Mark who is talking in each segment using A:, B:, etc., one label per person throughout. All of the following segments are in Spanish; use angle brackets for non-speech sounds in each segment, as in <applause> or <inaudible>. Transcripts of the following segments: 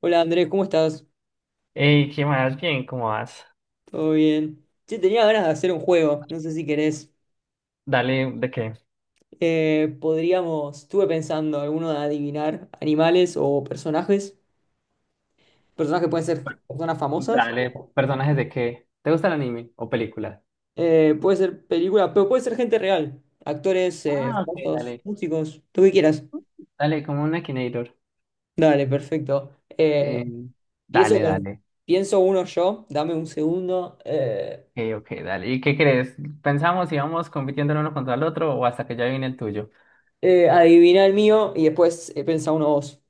A: Hola Andrés, ¿cómo estás?
B: Ey, ¿qué más? Bien, ¿cómo vas?
A: ¿Todo bien? Che, tenía ganas de hacer un juego, no sé si querés.
B: Dale, ¿de qué?
A: Podríamos, estuve pensando, alguno de adivinar animales o personajes. Personajes pueden ser personas famosas,
B: Dale,
A: o-
B: personajes de qué. ¿Te gusta el anime o película?
A: puede ser película, pero puede ser gente real. Actores,
B: Ah, ok,
A: famosos,
B: dale.
A: músicos, tú que quieras.
B: Dale, como una Akinator.
A: Dale, perfecto. Eh,
B: Eh,
A: pienso,
B: Dale,
A: con-
B: dale.
A: pienso uno yo, dame un segundo.
B: Ok, ok, dale. ¿Y qué crees? ¿Pensamos si vamos compitiendo el uno contra el otro o hasta que ya viene el tuyo?
A: Adivina el mío y después pensá uno vos.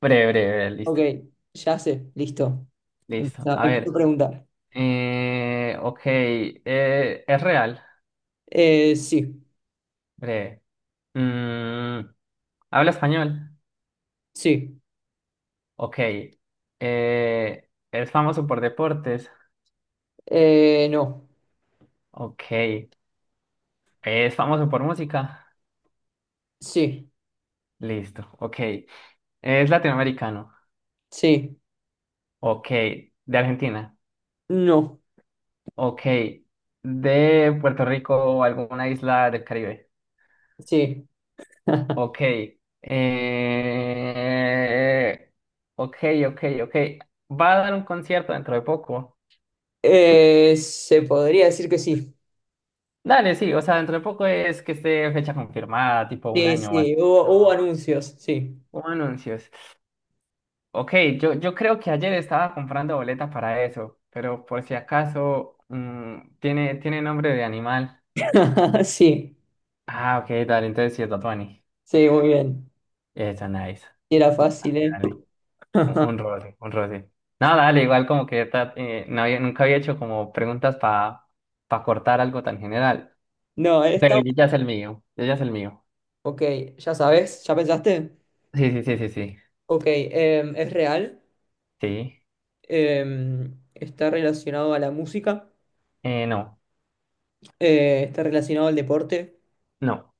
B: Breve, breve, breve,
A: Ok,
B: listo.
A: ya sé, listo.
B: Listo.
A: Empiezo,
B: A
A: empiezo a
B: ver.
A: preguntar.
B: Ok. ¿Es real?
A: Sí,
B: Breve. Mm, ¿Habla español?
A: sí,
B: Ok. ¿Es famoso por deportes?
A: no,
B: Ok. ¿Es famoso por música?
A: sí,
B: Listo. Ok. ¿Es latinoamericano?
A: sí,
B: Ok. ¿De Argentina?
A: no,
B: Ok. ¿De Puerto Rico o alguna isla del Caribe?
A: sí. <laughs>
B: Ok. Eh... Ok, ok, ok. ¿Va a dar un concierto dentro de poco?
A: Se podría decir que sí.
B: Dale, sí. O sea, dentro de poco es que esté fecha confirmada, tipo un
A: Sí,
B: año o así.
A: sí, hubo
B: No.
A: anuncios, sí.
B: O anuncios. Ok, yo creo que ayer estaba comprando boleta para eso, pero por si acaso tiene nombre de animal.
A: <laughs> Sí,
B: Ah, ok, dale, entonces sí es Bad Bunny.
A: sí, muy bien.
B: Eso, nice.
A: Sí, era fácil,
B: Dale,
A: ¿eh?
B: dale. Un,
A: <laughs>
B: un roce, un roce. No, dale, igual como que nunca había hecho como preguntas para cortar algo tan general.
A: No,
B: Pero
A: está...
B: yo ya es el mío, yo ya es el mío.
A: Ok, ya sabes, ¿ya pensaste?
B: Sí, sí, sí, sí, sí.
A: Ok, es real,
B: Sí.
A: está relacionado a la música,
B: No,
A: está relacionado al deporte.
B: no.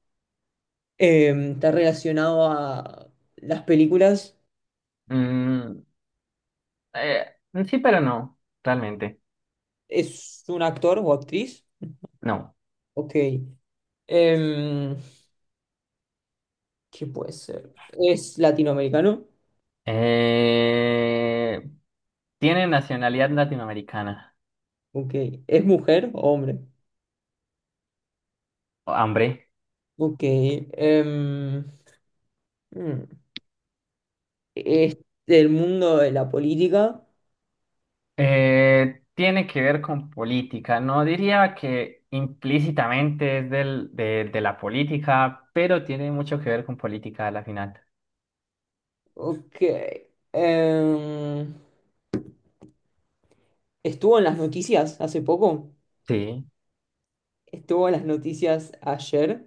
A: Está relacionado a las películas.
B: Mm, eh, sí, pero no, realmente.
A: ¿Es un actor o actriz?
B: No.
A: Ok. Em, ¿Qué puede ser? ¿Es latinoamericano?
B: Eh, Tiene nacionalidad latinoamericana.
A: Ok. ¿Es mujer o hombre?
B: Hombre.
A: Ok. Mm, ¿Es del mundo de la política?
B: Tiene que ver con política. No diría que implícitamente es del, de la política, pero tiene mucho que ver con política a la final.
A: Ok. em, ¿Estuvo en las noticias hace poco?
B: Sí.
A: ¿Estuvo en las noticias ayer?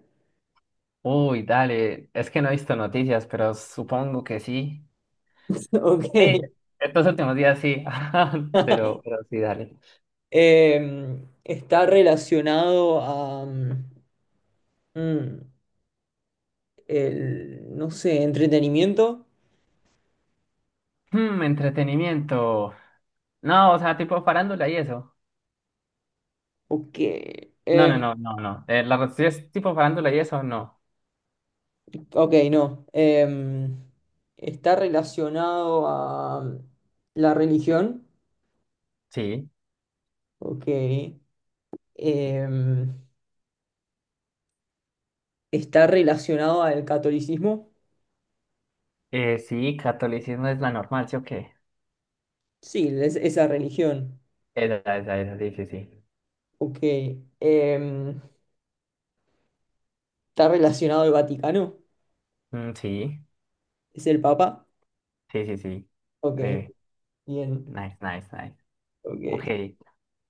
B: Uy, dale. Es que no he visto noticias, pero supongo que sí.
A: <laughs>
B: Sí,
A: Ok.
B: estos últimos días sí. <laughs>
A: <laughs>
B: Pero sí, dale.
A: Está relacionado a mm, el, no sé, entretenimiento.
B: Entretenimiento. No, o sea, tipo farándula y eso.
A: Ok.
B: No, no,
A: em,
B: no, no, no. La cuestión es tipo farándula y eso, no.
A: ok, no. Está relacionado a la religión.
B: Sí.
A: Ok. Em, Está relacionado al catolicismo.
B: Sí, catolicismo es la normal, ¿sí o qué?
A: Sí, es, esa religión.
B: Esa, sí, sí, sí.
A: Ok. Em, Está relacionado al Vaticano.
B: Mm, sí,
A: Es el Papa.
B: sí, sí, sí.
A: Ok.
B: Eh,
A: Bien,
B: Nice, nice, nice. Ok,
A: ok.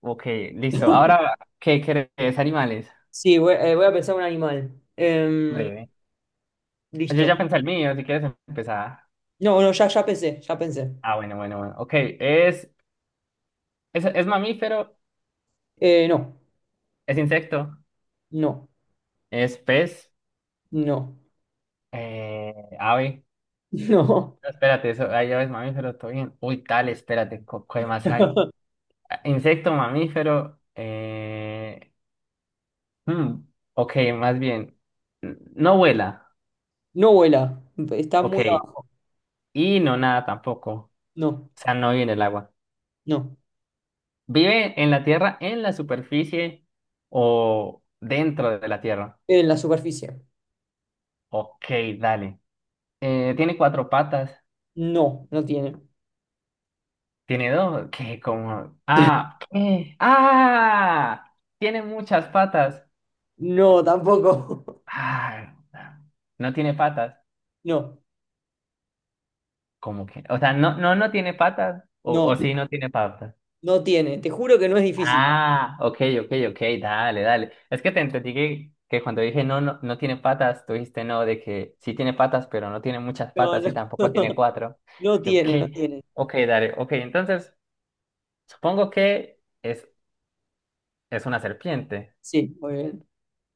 B: ok, listo. Ahora, ¿qué querés, animales?
A: Sí, voy, voy a pensar un animal.
B: Breve. Yo
A: Listo.
B: ya pensé el mío, si quieres empezar.
A: No, no, ya pensé, ya pensé.
B: Ah, bueno, bueno, bueno. Ok, es mamífero,
A: No,
B: es insecto,
A: no,
B: es pez,
A: no,
B: ave.
A: <laughs> no.
B: No, espérate, eso, hay aves mamíferos, todo bien. Uy, tal, espérate, ¿qué más hay?
A: <laughs>
B: Insecto, mamífero. Hmm, ok, más bien. No vuela.
A: No vuela. Está muy
B: Ok.
A: abajo.
B: Y no nada tampoco. O
A: No,
B: sea, no vive en el agua.
A: no.
B: ¿Vive en la tierra, en la superficie o dentro de la tierra?
A: En la superficie.
B: Ok, dale. Tiene cuatro patas.
A: No, no tiene.
B: Tiene dos. <laughs> ¿Qué? Como. Ah,
A: <laughs>
B: ¿qué? ¡Ah! Tiene muchas patas.
A: No, tampoco. <laughs>
B: Ah, no tiene patas.
A: No,
B: ¿Cómo que? O sea, no, no, no tiene patas. O
A: no,
B: sí, no tiene patas.
A: no tiene. Te juro que no es difícil.
B: Ah, ok, ok, ok, dale, dale. Es que te entendí que cuando dije no, no, no tiene patas, tú dijiste no, de que sí tiene patas, pero no tiene muchas
A: No,
B: patas y
A: no.
B: tampoco tiene
A: <laughs>
B: cuatro.
A: No
B: Yo,
A: tiene, no
B: ¿qué?
A: tiene.
B: Ok, dale, ok. Entonces, supongo que es una serpiente.
A: Sí, muy bien.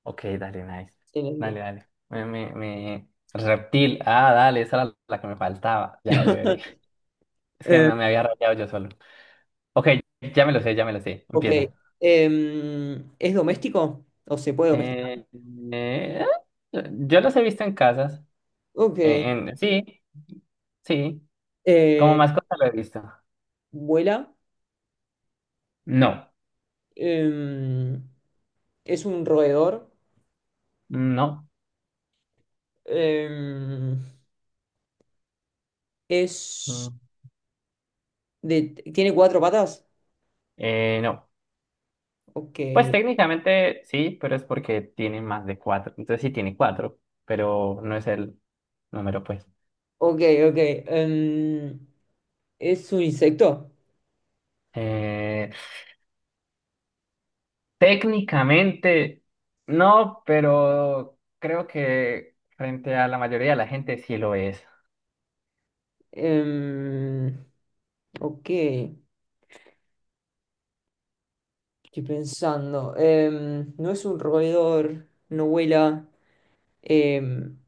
B: Ok, dale, nice. Dale,
A: Excelente.
B: dale. Reptil. Ah, dale, esa era la que me faltaba. Ya, breve, breve.
A: <laughs>
B: Es que
A: Em,
B: me había rayado yo solo. Ok, ya me lo sé, ya me lo sé.
A: Ok.
B: Empieza.
A: ¿Es doméstico? ¿O se puede domesticar?
B: Eh, eh, yo los he visto en casas.
A: Ok.
B: Sí, sí. Como
A: Eh,
B: mascota lo he visto.
A: ¿Vuela?
B: No,
A: Em, ¿Es un roedor?
B: no.
A: Em,
B: mm,
A: ¿es de, ¿Tiene cuatro patas?
B: no.
A: Ok.
B: Pues técnicamente sí, pero es porque tiene más de cuatro. Entonces sí tiene cuatro, pero no es el número, pues.
A: Ok, ok. ¿Es un insecto?
B: Eh, Técnicamente no, pero creo que frente a la mayoría de la gente sí lo es.
A: Em, ok. Estoy pensando. No es un roedor, no vuela. Em,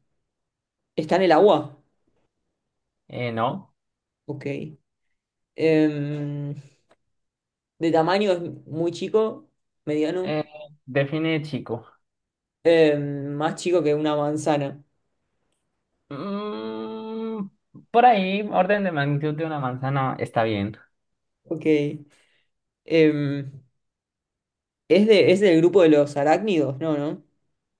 A: ¿Está en el agua?
B: No.
A: Ok. Em, de tamaño es muy chico, mediano,
B: Eh, Define chico.
A: más chico que una manzana.
B: Mm, por ahí, orden de magnitud de una manzana está bien.
A: Ok. Em, ¿es del grupo de los arácnidos? No, ¿no?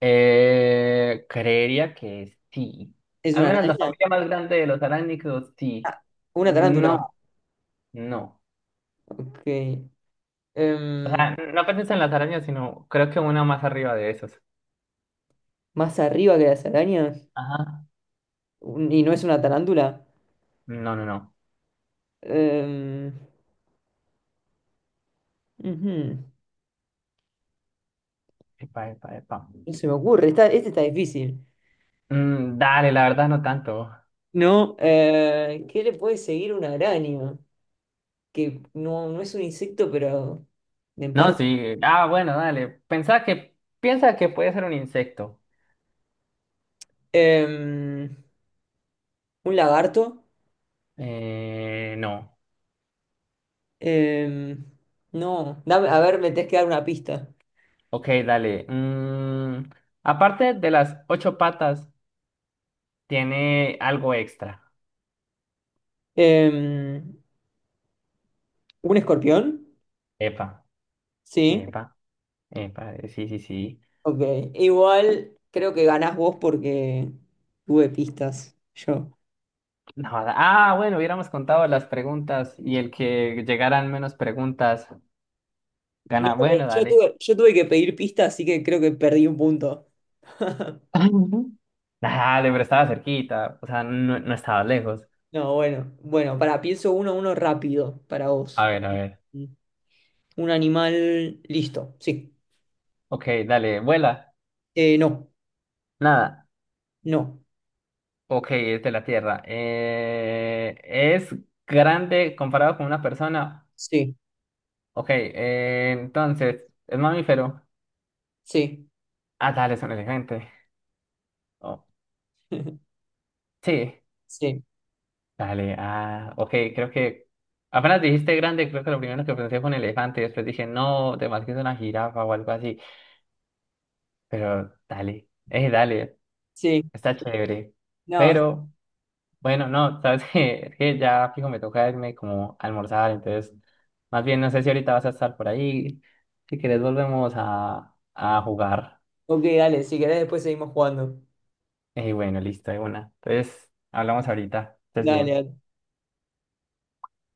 B: Creería que sí.
A: ¿Es
B: Al
A: una
B: menos la
A: araña?
B: familia más grande de los arácnidos, sí.
A: Ah, una tarántula.
B: No, no.
A: Ok.
B: O
A: Em,
B: sea, no pensé en las arañas, sino creo que una más arriba de esos.
A: ¿Más arriba que las arañas?
B: Ajá.
A: ¿Y no es una tarántula?
B: No, no, no.
A: Em, ujú.
B: Epa, epa, epa.
A: No se me ocurre, está, este está difícil.
B: Mm, dale, la verdad no tanto.
A: No, ¿Qué le puede seguir una araña? Que no es un insecto, pero en
B: No,
A: parte.
B: sí. Ah, bueno, dale. Piensa que puede ser un insecto.
A: Em, un lagarto.
B: No.
A: Em, no, dame, a ver, me tenés que dar una pista.
B: Ok, dale. Aparte de las ocho patas, tiene algo extra.
A: Em, un escorpión.
B: Epa,
A: Sí,
B: epa, epa, sí, sí, sí.
A: ok. Igual creo que ganás vos porque tuve pistas. Yo.
B: No, ah, bueno, hubiéramos contado las preguntas y el que llegaran menos preguntas
A: No,
B: gana. Bueno, dale.
A: yo tuve que pedir pistas, así que creo que perdí un punto.
B: <laughs> Dale, pero estaba cerquita, o sea, no, no estaba lejos.
A: No, bueno, bueno, para, pienso uno, uno rápido para
B: A
A: vos.
B: ver, a ver.
A: Un animal, listo, sí.
B: Ok, dale, vuela.
A: No.
B: Nada.
A: No,
B: Ok, es de la Tierra. ¿Es grande comparado con una persona?
A: sí,
B: Ok, entonces, ¿es mamífero?
A: sí,
B: Ah, dale, es un elefante. Oh,
A: <laughs>
B: sí,
A: sí,
B: dale, ah, ok, creo que apenas dijiste grande, creo que lo primero que pensé fue un elefante, y después dije, no, de más que es una jirafa o algo así, pero dale, dale,
A: sí.
B: está chévere.
A: No,
B: Pero, bueno, no, <laughs> sabes que, es que ya fijo me toca irme como a almorzar, entonces, más bien no sé si ahorita vas a estar por ahí, si quieres volvemos a jugar.
A: ok, dale, si querés después seguimos jugando.
B: Bueno, listo, de una. Entonces, hablamos ahorita. Estés
A: Dale,
B: bien.
A: dale.